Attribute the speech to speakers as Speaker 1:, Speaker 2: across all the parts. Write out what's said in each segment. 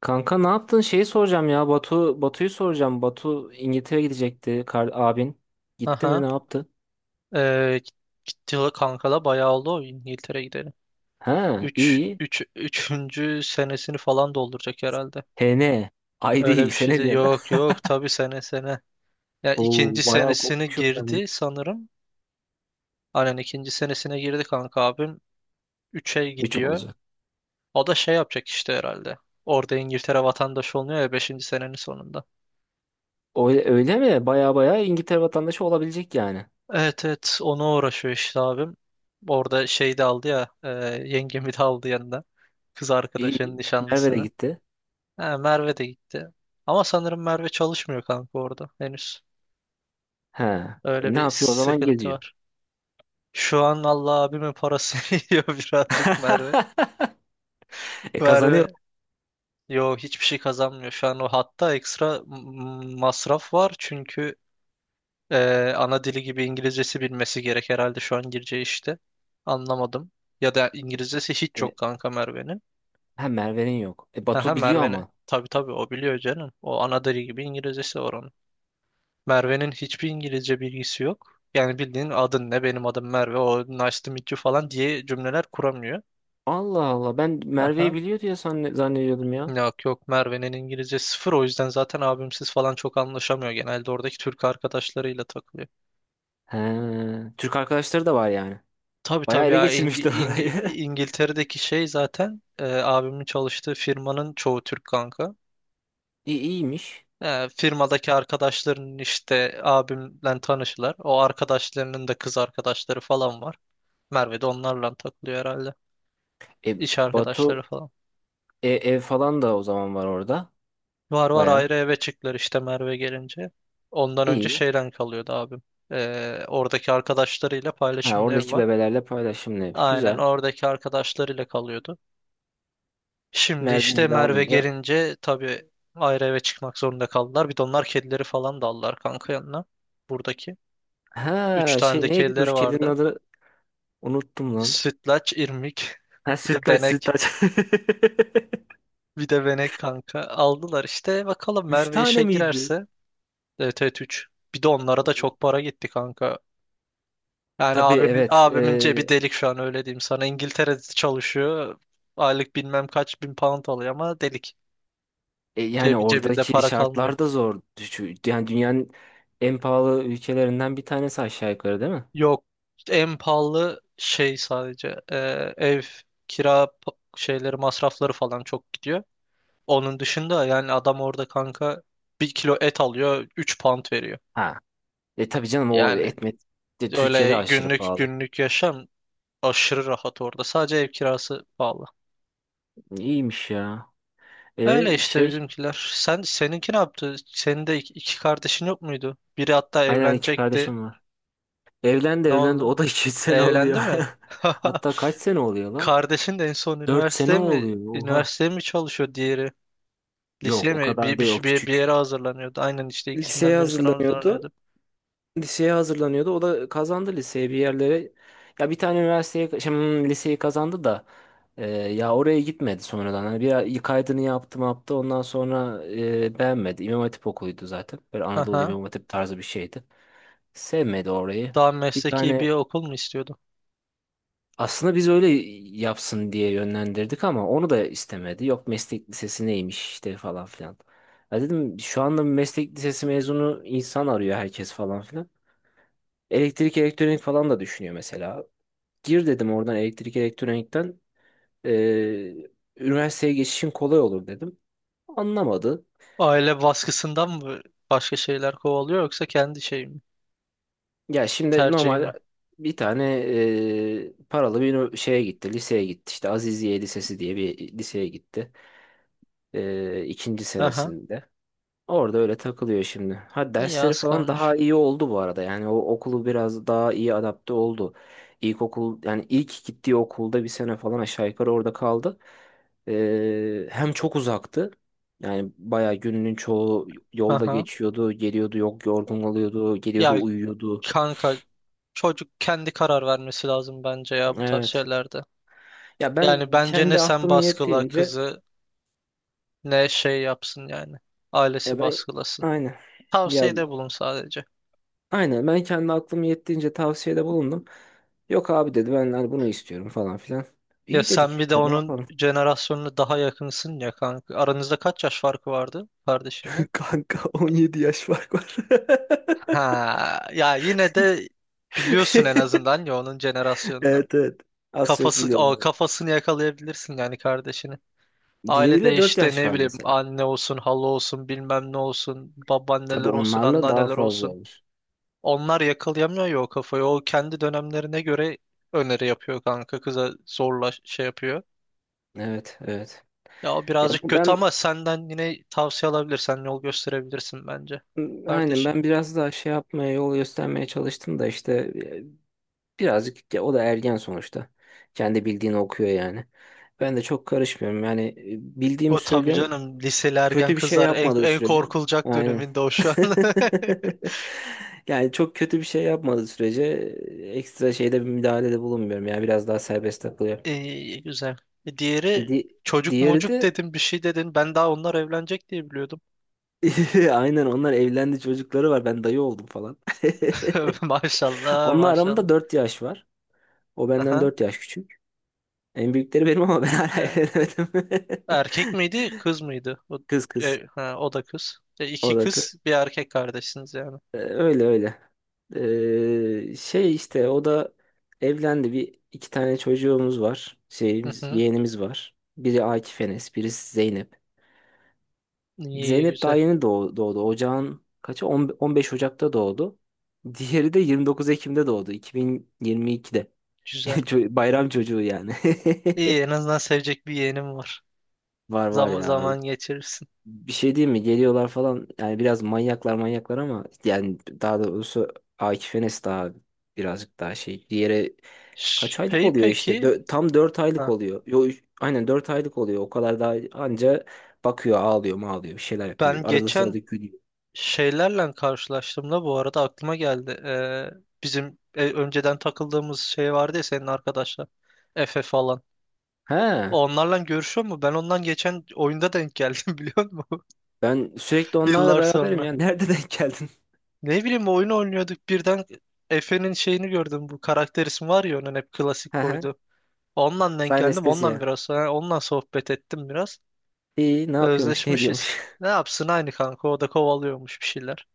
Speaker 1: Kanka, ne yaptın? Şeyi soracağım ya. Batu'yu soracağım. Batu İngiltere gidecekti. Kar, abin. Gitti mi?
Speaker 2: Aha.
Speaker 1: Ne yaptı?
Speaker 2: Ee, Gitti kankala bayağı oldu o İngiltere gideli.
Speaker 1: Ha,
Speaker 2: Üç
Speaker 1: iyi.
Speaker 2: 3 üçüncü senesini falan dolduracak herhalde.
Speaker 1: HN. Ay
Speaker 2: Öyle
Speaker 1: değil.
Speaker 2: bir şey
Speaker 1: Sene
Speaker 2: de
Speaker 1: diyen. De.
Speaker 2: yok yok tabii sene sene. Ya
Speaker 1: Oo,
Speaker 2: ikinci
Speaker 1: bayağı
Speaker 2: senesini
Speaker 1: kopmuşum ben.
Speaker 2: girdi sanırım. Aynen ikinci senesine girdi kanka abim. 3'e
Speaker 1: Üç
Speaker 2: gidiyor.
Speaker 1: olacak.
Speaker 2: O da şey yapacak işte herhalde. Orada İngiltere vatandaşı oluyor ya 5. senenin sonunda.
Speaker 1: Öyle, öyle mi? Baya baya İngiltere vatandaşı olabilecek yani.
Speaker 2: Evet evet, ona uğraşıyor işte abim. Orada şey de aldı ya, yengemi de aldı yanında. Kız arkadaşının
Speaker 1: İyi. Merve de
Speaker 2: nişanlısını.
Speaker 1: gitti.
Speaker 2: Ha, Merve de gitti. Ama sanırım Merve çalışmıyor kanka orada henüz.
Speaker 1: Ha.
Speaker 2: Öyle
Speaker 1: Ne
Speaker 2: bir
Speaker 1: yapıyor o zaman?
Speaker 2: sıkıntı
Speaker 1: Geziyor.
Speaker 2: var. Şu an Allah abimin parasını yiyor birazcık Merve.
Speaker 1: E kazanıyor.
Speaker 2: Merve yo, hiçbir şey kazanmıyor. Şu an o hatta ekstra masraf var. Çünkü ana dili gibi İngilizcesi bilmesi gerek herhalde şu an gireceği işte. Anlamadım. Ya da İngilizcesi hiç
Speaker 1: E,
Speaker 2: yok kanka Merve'nin.
Speaker 1: ha, Merve'nin yok. E
Speaker 2: Aha,
Speaker 1: Batu biliyor
Speaker 2: Merve'nin.
Speaker 1: ama.
Speaker 2: Tabii tabii, o biliyor canım. O ana dili gibi İngilizcesi var onun. Merve'nin hiçbir İngilizce bilgisi yok. Yani bildiğin adın ne, benim adım Merve, o nice to meet you falan diye cümleler kuramıyor.
Speaker 1: Allah Allah, ben
Speaker 2: Aha.
Speaker 1: Merve'yi biliyor diye zannediyordum ya.
Speaker 2: Yok Merve'nin İngilizce sıfır, o yüzden zaten abimsiz falan çok anlaşamıyor. Genelde oradaki Türk arkadaşlarıyla takılıyor.
Speaker 1: He, Türk arkadaşları da var yani.
Speaker 2: Tabii
Speaker 1: Bayağı
Speaker 2: tabii
Speaker 1: ele
Speaker 2: ya,
Speaker 1: geçirmişler orayı.
Speaker 2: İngiltere'deki şey zaten, abimin çalıştığı firmanın çoğu Türk kanka.
Speaker 1: İyi, iyiymiş.
Speaker 2: E, firmadaki arkadaşların işte abimle tanışırlar. O arkadaşlarının da kız arkadaşları falan var. Merve de onlarla takılıyor herhalde.
Speaker 1: E
Speaker 2: İş
Speaker 1: Batu,
Speaker 2: arkadaşları falan.
Speaker 1: ev falan da o zaman var orada.
Speaker 2: Var,
Speaker 1: Bayağı
Speaker 2: ayrı eve çıktılar işte Merve gelince. Ondan önce
Speaker 1: iyi.
Speaker 2: şeyden kalıyordu abim. Oradaki arkadaşlarıyla
Speaker 1: Ha,
Speaker 2: paylaşımlı ev
Speaker 1: oradaki
Speaker 2: var.
Speaker 1: bebelerle paylaşımlı ev.
Speaker 2: Aynen,
Speaker 1: Güzel.
Speaker 2: oradaki arkadaşlarıyla kalıyordu. Şimdi işte
Speaker 1: Merve'yi de
Speaker 2: Merve
Speaker 1: alınca.
Speaker 2: gelince tabii ayrı eve çıkmak zorunda kaldılar. Bir de onlar kedileri falan da aldılar kanka yanına. Buradaki. Üç
Speaker 1: Ha
Speaker 2: tane de
Speaker 1: şey neydi? Dur,
Speaker 2: kedileri
Speaker 1: kedinin
Speaker 2: vardı.
Speaker 1: adı unuttum lan.
Speaker 2: Sütlaç, irmik,
Speaker 1: Ha,
Speaker 2: bir de
Speaker 1: sütlaç
Speaker 2: benek.
Speaker 1: sütlaç.
Speaker 2: Bir de benek kanka. Aldılar işte. Bakalım
Speaker 1: Üç
Speaker 2: Merve
Speaker 1: tane
Speaker 2: işe
Speaker 1: miydi?
Speaker 2: girerse. Evet evet, 3. Bir de onlara da çok para gitti kanka. Yani
Speaker 1: Tabii,
Speaker 2: abimin
Speaker 1: evet.
Speaker 2: abimin cebi delik şu an, öyle diyeyim sana. İngiltere'de çalışıyor. Aylık bilmem kaç bin pound alıyor ama delik.
Speaker 1: Yani
Speaker 2: Cebi, cebinde
Speaker 1: oradaki
Speaker 2: para kalmıyor.
Speaker 1: şartlar da zor. Yani dünyanın en pahalı ülkelerinden bir tanesi aşağı yukarı, değil mi?
Speaker 2: Yok, en pahalı şey sadece ev şeyleri, masrafları falan çok gidiyor. Onun dışında yani adam orada kanka bir kilo et alıyor 3 pound veriyor.
Speaker 1: Ha, e tabii canım, o
Speaker 2: Yani
Speaker 1: etmet de Türkiye'de
Speaker 2: öyle
Speaker 1: aşırı
Speaker 2: günlük
Speaker 1: pahalı.
Speaker 2: günlük yaşam aşırı rahat orada. Sadece ev kirası pahalı.
Speaker 1: İyiymiş ya.
Speaker 2: Öyle
Speaker 1: E
Speaker 2: işte
Speaker 1: şey,
Speaker 2: bizimkiler. Sen, seninki ne yaptı? Senin de iki kardeşin yok muydu? Biri hatta
Speaker 1: aynen, iki
Speaker 2: evlenecekti.
Speaker 1: kardeşim var. Evlendi
Speaker 2: Ne
Speaker 1: evlendi
Speaker 2: oldu?
Speaker 1: o da iki sene oluyor.
Speaker 2: Evlendi mi?
Speaker 1: Hatta kaç sene oluyor lan?
Speaker 2: Kardeşin de en son
Speaker 1: Dört sene
Speaker 2: üniversiteye mi,
Speaker 1: oluyor, oha.
Speaker 2: üniversiteye mi çalışıyor diğeri?
Speaker 1: Yok,
Speaker 2: Liseye
Speaker 1: o
Speaker 2: mi?
Speaker 1: kadar
Speaker 2: Bir, bir,
Speaker 1: değil, o
Speaker 2: şey- bir, bir
Speaker 1: küçük.
Speaker 2: yere hazırlanıyordu. Aynen işte
Speaker 1: Liseye
Speaker 2: ikisinden birisine
Speaker 1: hazırlanıyordu.
Speaker 2: hazırlanıyordu.
Speaker 1: Liseye hazırlanıyordu. O da kazandı liseye, bir yerlere. Ya bir tane üniversiteye, şimdi liseyi kazandı da ya oraya gitmedi sonradan. Hani bir kaydını yaptı mı yaptı. Ondan sonra beğenmedi. İmam Hatip okuluydu zaten. Böyle Anadolu
Speaker 2: Aha.
Speaker 1: İmam Hatip tarzı bir şeydi. Sevmedi orayı.
Speaker 2: Daha
Speaker 1: Bir
Speaker 2: mesleki
Speaker 1: tane,
Speaker 2: bir okul mu istiyordu?
Speaker 1: aslında biz öyle yapsın diye yönlendirdik ama onu da istemedi. Yok meslek lisesi neymiş işte falan filan. Ya dedim şu anda meslek lisesi mezunu insan arıyor herkes falan filan. Elektrik elektronik falan da düşünüyor mesela. Gir dedim oradan, elektrik elektronikten. Ee, Üniversiteye geçişin kolay olur dedim. Anlamadı.
Speaker 2: Aile baskısından mı başka şeyler kovalıyor, yoksa kendi şey mi?
Speaker 1: Ya şimdi
Speaker 2: Tercihi mi?
Speaker 1: normal bir tane paralı bir şeye gitti, liseye gitti. İşte Aziziye Lisesi diye bir liseye gitti. E, ikinci
Speaker 2: Aha.
Speaker 1: senesinde. Orada öyle takılıyor şimdi. Ha,
Speaker 2: İyi,
Speaker 1: dersleri
Speaker 2: az
Speaker 1: falan
Speaker 2: kalmış.
Speaker 1: daha iyi oldu bu arada. Yani o okulu biraz daha iyi adapte oldu. İlkokul yani ilk gittiği okulda bir sene falan aşağı yukarı orada kaldı. Hem çok uzaktı. Yani bayağı gününün çoğu yolda
Speaker 2: Aha.
Speaker 1: geçiyordu, geliyordu, yok yorgun oluyordu,
Speaker 2: Ya
Speaker 1: geliyordu, uyuyordu.
Speaker 2: kanka, çocuk kendi karar vermesi lazım bence ya bu tarz
Speaker 1: Evet.
Speaker 2: şeylerde.
Speaker 1: Ya
Speaker 2: Yani
Speaker 1: ben
Speaker 2: bence ne
Speaker 1: kendi
Speaker 2: sen
Speaker 1: aklım
Speaker 2: baskıla
Speaker 1: yettiğince,
Speaker 2: kızı ne şey yapsın yani. Ailesi
Speaker 1: ya ben,
Speaker 2: baskılasın.
Speaker 1: aynen. Ya
Speaker 2: Tavsiyede bulun sadece.
Speaker 1: aynen, ben kendi aklım yettiğince tavsiyede bulundum. Yok abi dedi, ben hani bunu istiyorum falan filan.
Speaker 2: Ya
Speaker 1: İyi dedik,
Speaker 2: sen
Speaker 1: biz
Speaker 2: bir de
Speaker 1: de ne
Speaker 2: onun
Speaker 1: yapalım.
Speaker 2: jenerasyonuna daha yakınsın ya kanka. Aranızda kaç yaş farkı vardı kardeşinle?
Speaker 1: Kanka, 17 yaş fark var.
Speaker 2: Ha, ya yine de biliyorsun en azından ya onun jenerasyonunu.
Speaker 1: Evet, evet. Az çok
Speaker 2: Kafası,
Speaker 1: biliyorum.
Speaker 2: o kafasını yakalayabilirsin yani kardeşini.
Speaker 1: Diğeriyle
Speaker 2: Ailede
Speaker 1: 4
Speaker 2: işte,
Speaker 1: yaş
Speaker 2: ne
Speaker 1: var
Speaker 2: bileyim,
Speaker 1: mesela.
Speaker 2: anne olsun, hala olsun, bilmem ne olsun, babaanneler
Speaker 1: Tabii
Speaker 2: olsun,
Speaker 1: onlarla daha
Speaker 2: anneanneler
Speaker 1: fazla
Speaker 2: olsun.
Speaker 1: olur.
Speaker 2: Onlar yakalayamıyor ya o kafayı. O kendi dönemlerine göre öneri yapıyor kanka. Kıza zorla şey yapıyor.
Speaker 1: Evet, evet.
Speaker 2: Ya o
Speaker 1: Ya
Speaker 2: birazcık
Speaker 1: bu-
Speaker 2: kötü
Speaker 1: ben
Speaker 2: ama senden yine tavsiye alabilirsen yol gösterebilirsin bence
Speaker 1: aynen,
Speaker 2: kardeşine.
Speaker 1: ben biraz daha şey yapmaya, yol göstermeye çalıştım da işte e, birazcık, ya o da ergen sonuçta. Kendi bildiğini okuyor yani. Ben de çok karışmıyorum. Yani bildiğimi
Speaker 2: O tabii
Speaker 1: söylüyorum.
Speaker 2: canım, liseli ergen
Speaker 1: Kötü bir şey
Speaker 2: kızlar en,
Speaker 1: yapmadığı
Speaker 2: en
Speaker 1: sürece.
Speaker 2: korkulacak
Speaker 1: Aynen.
Speaker 2: döneminde o şu an.
Speaker 1: Yani çok kötü bir şey yapmadığı sürece ekstra şeyde bir müdahalede bulunmuyorum. Yani biraz daha serbest takılıyor.
Speaker 2: İyi, güzel. E, Diğeri
Speaker 1: Di
Speaker 2: çocuk
Speaker 1: diğeri
Speaker 2: mocuk
Speaker 1: de
Speaker 2: dedin, bir şey dedin. Ben daha onlar evlenecek diye biliyordum.
Speaker 1: aynen, onlar evlendi, çocukları var. Ben dayı oldum falan.
Speaker 2: Maşallah
Speaker 1: Onunla
Speaker 2: maşallah.
Speaker 1: aramda 4 yaş var. O benden
Speaker 2: Aha.
Speaker 1: 4 yaş küçük. En büyükleri benim ama ben hala
Speaker 2: Ya,
Speaker 1: evlenemedim.
Speaker 2: erkek miydi kız mıydı? O,
Speaker 1: Kız, kız.
Speaker 2: ha, o da kız. E, iki
Speaker 1: O da kı-
Speaker 2: kız bir erkek kardeşsiniz yani.
Speaker 1: e, öyle öyle. Şey işte o da evlendi. Bir iki tane çocuğumuz var.
Speaker 2: Hı
Speaker 1: Şeyimiz,
Speaker 2: hı.
Speaker 1: yeğenimiz var. Biri Akif Enes, birisi Zeynep.
Speaker 2: İyi iyi,
Speaker 1: Zeynep daha
Speaker 2: güzel
Speaker 1: yeni doğdu. Ocağın kaçı? 10 15 Ocak'ta doğdu. Diğeri de 29 Ekim'de doğdu. 2022'de.
Speaker 2: güzel.
Speaker 1: Bayram çocuğu yani.
Speaker 2: İyi, en azından sevecek bir yeğenim var.
Speaker 1: Var var
Speaker 2: Zam
Speaker 1: ya.
Speaker 2: zaman geçirirsin.
Speaker 1: Bir şey diyeyim mi? Geliyorlar falan. Yani biraz manyaklar ama yani, daha doğrusu Akif Enes daha birazcık daha şey. Diğeri kaç aylık
Speaker 2: Şey
Speaker 1: oluyor işte?
Speaker 2: peki,
Speaker 1: Tam 4 aylık
Speaker 2: ha,
Speaker 1: oluyor. Aynen, 4 aylık oluyor. O kadar daha anca bakıyor, ağlıyor, mağlıyor, bir şeyler yapıyor.
Speaker 2: ben
Speaker 1: Arada
Speaker 2: geçen
Speaker 1: sırada gülüyor.
Speaker 2: şeylerle karşılaştığımda bu arada aklıma geldi. Bizim, önceden takıldığımız şey vardı ya, senin arkadaşlar. Efe falan.
Speaker 1: He,
Speaker 2: Onlarla görüşüyor mu? Ben ondan geçen oyunda denk geldim biliyor musun?
Speaker 1: ben sürekli onlarla
Speaker 2: Yıllar
Speaker 1: beraberim
Speaker 2: sonra.
Speaker 1: ya. Nerede denk geldin?
Speaker 2: Ne bileyim, oyun oynuyorduk, birden Efe'nin şeyini gördüm. Bu karakter ismi var ya onun, hep klasik
Speaker 1: He he.
Speaker 2: koydu. Ondan denk
Speaker 1: Sayın
Speaker 2: geldim. Ondan
Speaker 1: Anestezya.
Speaker 2: biraz sonra ondan sohbet ettim biraz.
Speaker 1: İyi, ne yapıyormuş, ne
Speaker 2: Özleşmişiz.
Speaker 1: ediyormuş.
Speaker 2: Ne yapsın aynı kanka, o da kovalıyormuş bir şeyler.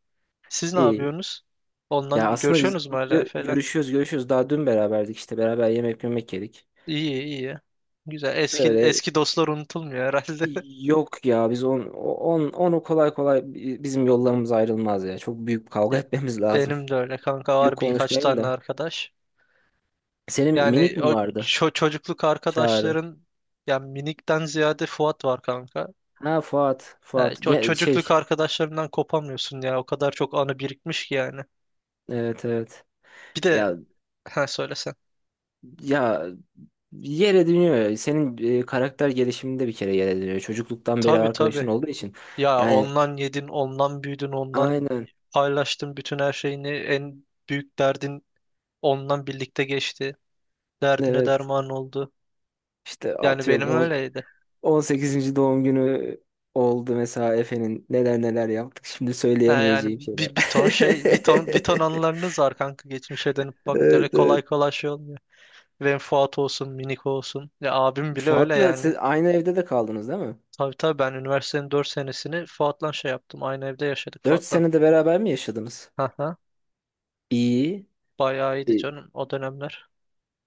Speaker 2: Siz ne
Speaker 1: İyi.
Speaker 2: yapıyorsunuz? Ondan
Speaker 1: Ya aslında biz
Speaker 2: görüşüyorsunuz mu hala
Speaker 1: gö-
Speaker 2: Efe'yle?
Speaker 1: görüşüyoruz, görüşüyoruz. Daha dün beraberdik işte. Beraber yemek yedik.
Speaker 2: İyi iyi. Güzel. Eski
Speaker 1: Öyle.
Speaker 2: eski dostlar unutulmuyor herhalde.
Speaker 1: Yok ya, biz onu kolay kolay, bizim yollarımız ayrılmaz ya. Çok büyük bir kavga
Speaker 2: Ya
Speaker 1: etmemiz lazım.
Speaker 2: benim de öyle kanka
Speaker 1: Büyük
Speaker 2: var birkaç
Speaker 1: konuşmayayım
Speaker 2: tane
Speaker 1: da.
Speaker 2: arkadaş.
Speaker 1: Senin minik
Speaker 2: Yani
Speaker 1: mi
Speaker 2: o
Speaker 1: vardı?
Speaker 2: çocukluk
Speaker 1: Çağrı.
Speaker 2: arkadaşların, yani minikten ziyade Fuat var kanka.
Speaker 1: Ha, Fuat.
Speaker 2: Yani
Speaker 1: Fuat.
Speaker 2: o
Speaker 1: Ya, şey.
Speaker 2: çocukluk arkadaşlarından kopamıyorsun ya. O kadar çok anı birikmiş ki yani.
Speaker 1: Evet, evet.
Speaker 2: Bir de
Speaker 1: Ya
Speaker 2: ha söylesen.
Speaker 1: ya yere dönüyor ya. Senin karakter gelişiminde bir kere yere dönüyor. Çocukluktan beri
Speaker 2: Tabii
Speaker 1: arkadaşın
Speaker 2: tabii.
Speaker 1: olduğu için.
Speaker 2: Ya
Speaker 1: Yani
Speaker 2: ondan yedin, ondan büyüdün, ondan
Speaker 1: aynen.
Speaker 2: paylaştın bütün her şeyini. En büyük derdin ondan birlikte geçti. Derdine
Speaker 1: Evet.
Speaker 2: derman oldu.
Speaker 1: İşte
Speaker 2: Yani benim
Speaker 1: atıyorum,
Speaker 2: öyleydi.
Speaker 1: on sekizinci doğum günü oldu mesela Efe'nin. Neler neler yaptık. Şimdi
Speaker 2: Ha yani
Speaker 1: söyleyemeyeceğim şeyler.
Speaker 2: bir ton şey, bir ton anılarınız var kanka, geçmişe dönüp bak,
Speaker 1: Evet,
Speaker 2: kolay
Speaker 1: evet.
Speaker 2: kolay şey olmuyor. Fuat olsun, Miniko olsun. Ya abim bile öyle
Speaker 1: Fuat'la
Speaker 2: yani.
Speaker 1: siz aynı evde de kaldınız, değil mi?
Speaker 2: Tabii tabii, ben üniversitenin 4 senesini Fuat'la şey yaptım. Aynı evde yaşadık
Speaker 1: Dört
Speaker 2: Fuat'la.
Speaker 1: sene de beraber mi yaşadınız?
Speaker 2: Haha.
Speaker 1: İyi.
Speaker 2: Bayağı iyiydi
Speaker 1: E,
Speaker 2: canım o dönemler.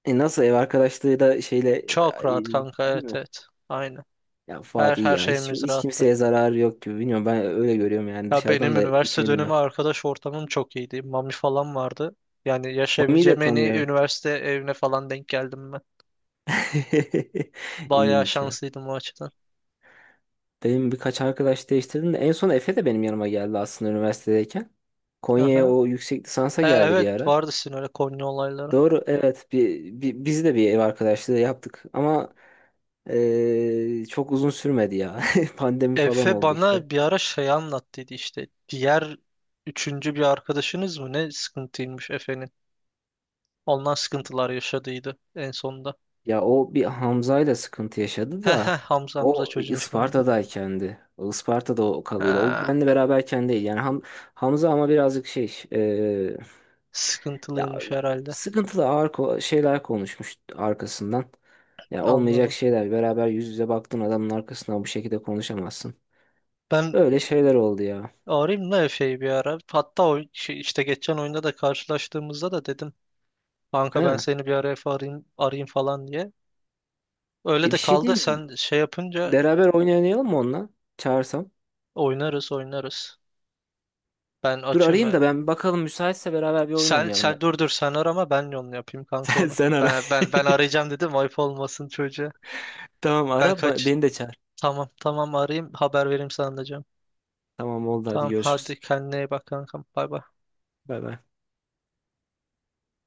Speaker 1: Nasıl, ev arkadaşlığı da şeyle
Speaker 2: Çok rahat
Speaker 1: iyi
Speaker 2: kanka, evet
Speaker 1: mi?
Speaker 2: evet. Aynen.
Speaker 1: Ya
Speaker 2: Her
Speaker 1: Fuat iyi
Speaker 2: her
Speaker 1: ya. Hiç,
Speaker 2: şeyimiz
Speaker 1: hiç
Speaker 2: rahattı.
Speaker 1: kimseye zararı yok gibi. Bilmiyorum, ben öyle görüyorum yani,
Speaker 2: Ya
Speaker 1: dışarıdan
Speaker 2: benim
Speaker 1: da
Speaker 2: üniversite
Speaker 1: içini
Speaker 2: dönemi
Speaker 1: bilmem.
Speaker 2: arkadaş ortamım çok iyiydi. Mami falan vardı. Yani
Speaker 1: Mami'yi de
Speaker 2: yaşayabileceğim en iyi
Speaker 1: tanıyorum.
Speaker 2: üniversite evine falan denk geldim ben. Bayağı
Speaker 1: İyiymiş ya.
Speaker 2: şanslıydım o açıdan.
Speaker 1: Benim birkaç arkadaş değiştirdim de en son Efe de benim yanıma geldi aslında, üniversitedeyken. Konya'ya
Speaker 2: Aha.
Speaker 1: o yüksek lisansa
Speaker 2: E,
Speaker 1: geldi bir
Speaker 2: evet,
Speaker 1: ara.
Speaker 2: vardı sizin öyle Konya olayları.
Speaker 1: Doğru, evet, biz de bir ev arkadaşlığı yaptık ama çok uzun sürmedi ya. Pandemi falan
Speaker 2: Efe
Speaker 1: oldu işte.
Speaker 2: bana bir ara şey anlattıydı işte. Diğer üçüncü bir arkadaşınız mı ne sıkıntıymış Efe'nin. Ondan sıkıntılar yaşadıydı en sonunda.
Speaker 1: Ya o bir Hamza'yla sıkıntı yaşadı
Speaker 2: He he,
Speaker 1: da
Speaker 2: Hamza, Hamza
Speaker 1: o
Speaker 2: çocuğun ismi Hamza.
Speaker 1: Isparta'daykendi. O Isparta'da o kalıyordu. O
Speaker 2: Ha,
Speaker 1: benle beraberken değil. Yani Hamza ama birazcık şey, ya
Speaker 2: sıkıntılıymış herhalde.
Speaker 1: sıkıntılı, ağır şeyler konuşmuş arkasından. Ya olmayacak
Speaker 2: Anladım.
Speaker 1: şeyler. Beraber yüz yüze baktığın adamın arkasından bu şekilde konuşamazsın.
Speaker 2: Ben
Speaker 1: Öyle şeyler oldu ya.
Speaker 2: arayayım da Efe'yi bir ara. Hatta o işte geçen oyunda da karşılaştığımızda da dedim. Kanka ben
Speaker 1: He.
Speaker 2: seni bir ara Efe, arayayım falan diye. Öyle
Speaker 1: E
Speaker 2: de
Speaker 1: bir şey
Speaker 2: kaldı.
Speaker 1: değil mi?
Speaker 2: Sen şey yapınca
Speaker 1: Beraber oyun oynayalım mı onunla? Çağırsam.
Speaker 2: oynarız. Ben
Speaker 1: Dur
Speaker 2: açım.
Speaker 1: arayayım da ben bir bakalım, müsaitse beraber bir oyun
Speaker 2: Sen
Speaker 1: oynayalım
Speaker 2: sen
Speaker 1: ben.
Speaker 2: dur, sen arama, ben onu yapayım kanka,
Speaker 1: Sen,
Speaker 2: onu.
Speaker 1: sen ara.
Speaker 2: Ben arayacağım dedim, ayıp olmasın çocuğa.
Speaker 1: Tamam,
Speaker 2: Ben
Speaker 1: ara,
Speaker 2: kaç.
Speaker 1: beni de çağır.
Speaker 2: Tamam tamam, arayayım, haber vereyim sana da canım.
Speaker 1: Tamam oldu, hadi
Speaker 2: Tamam
Speaker 1: görüşürüz.
Speaker 2: hadi, kendine iyi bak kankam. Bay bay.
Speaker 1: Bay bay.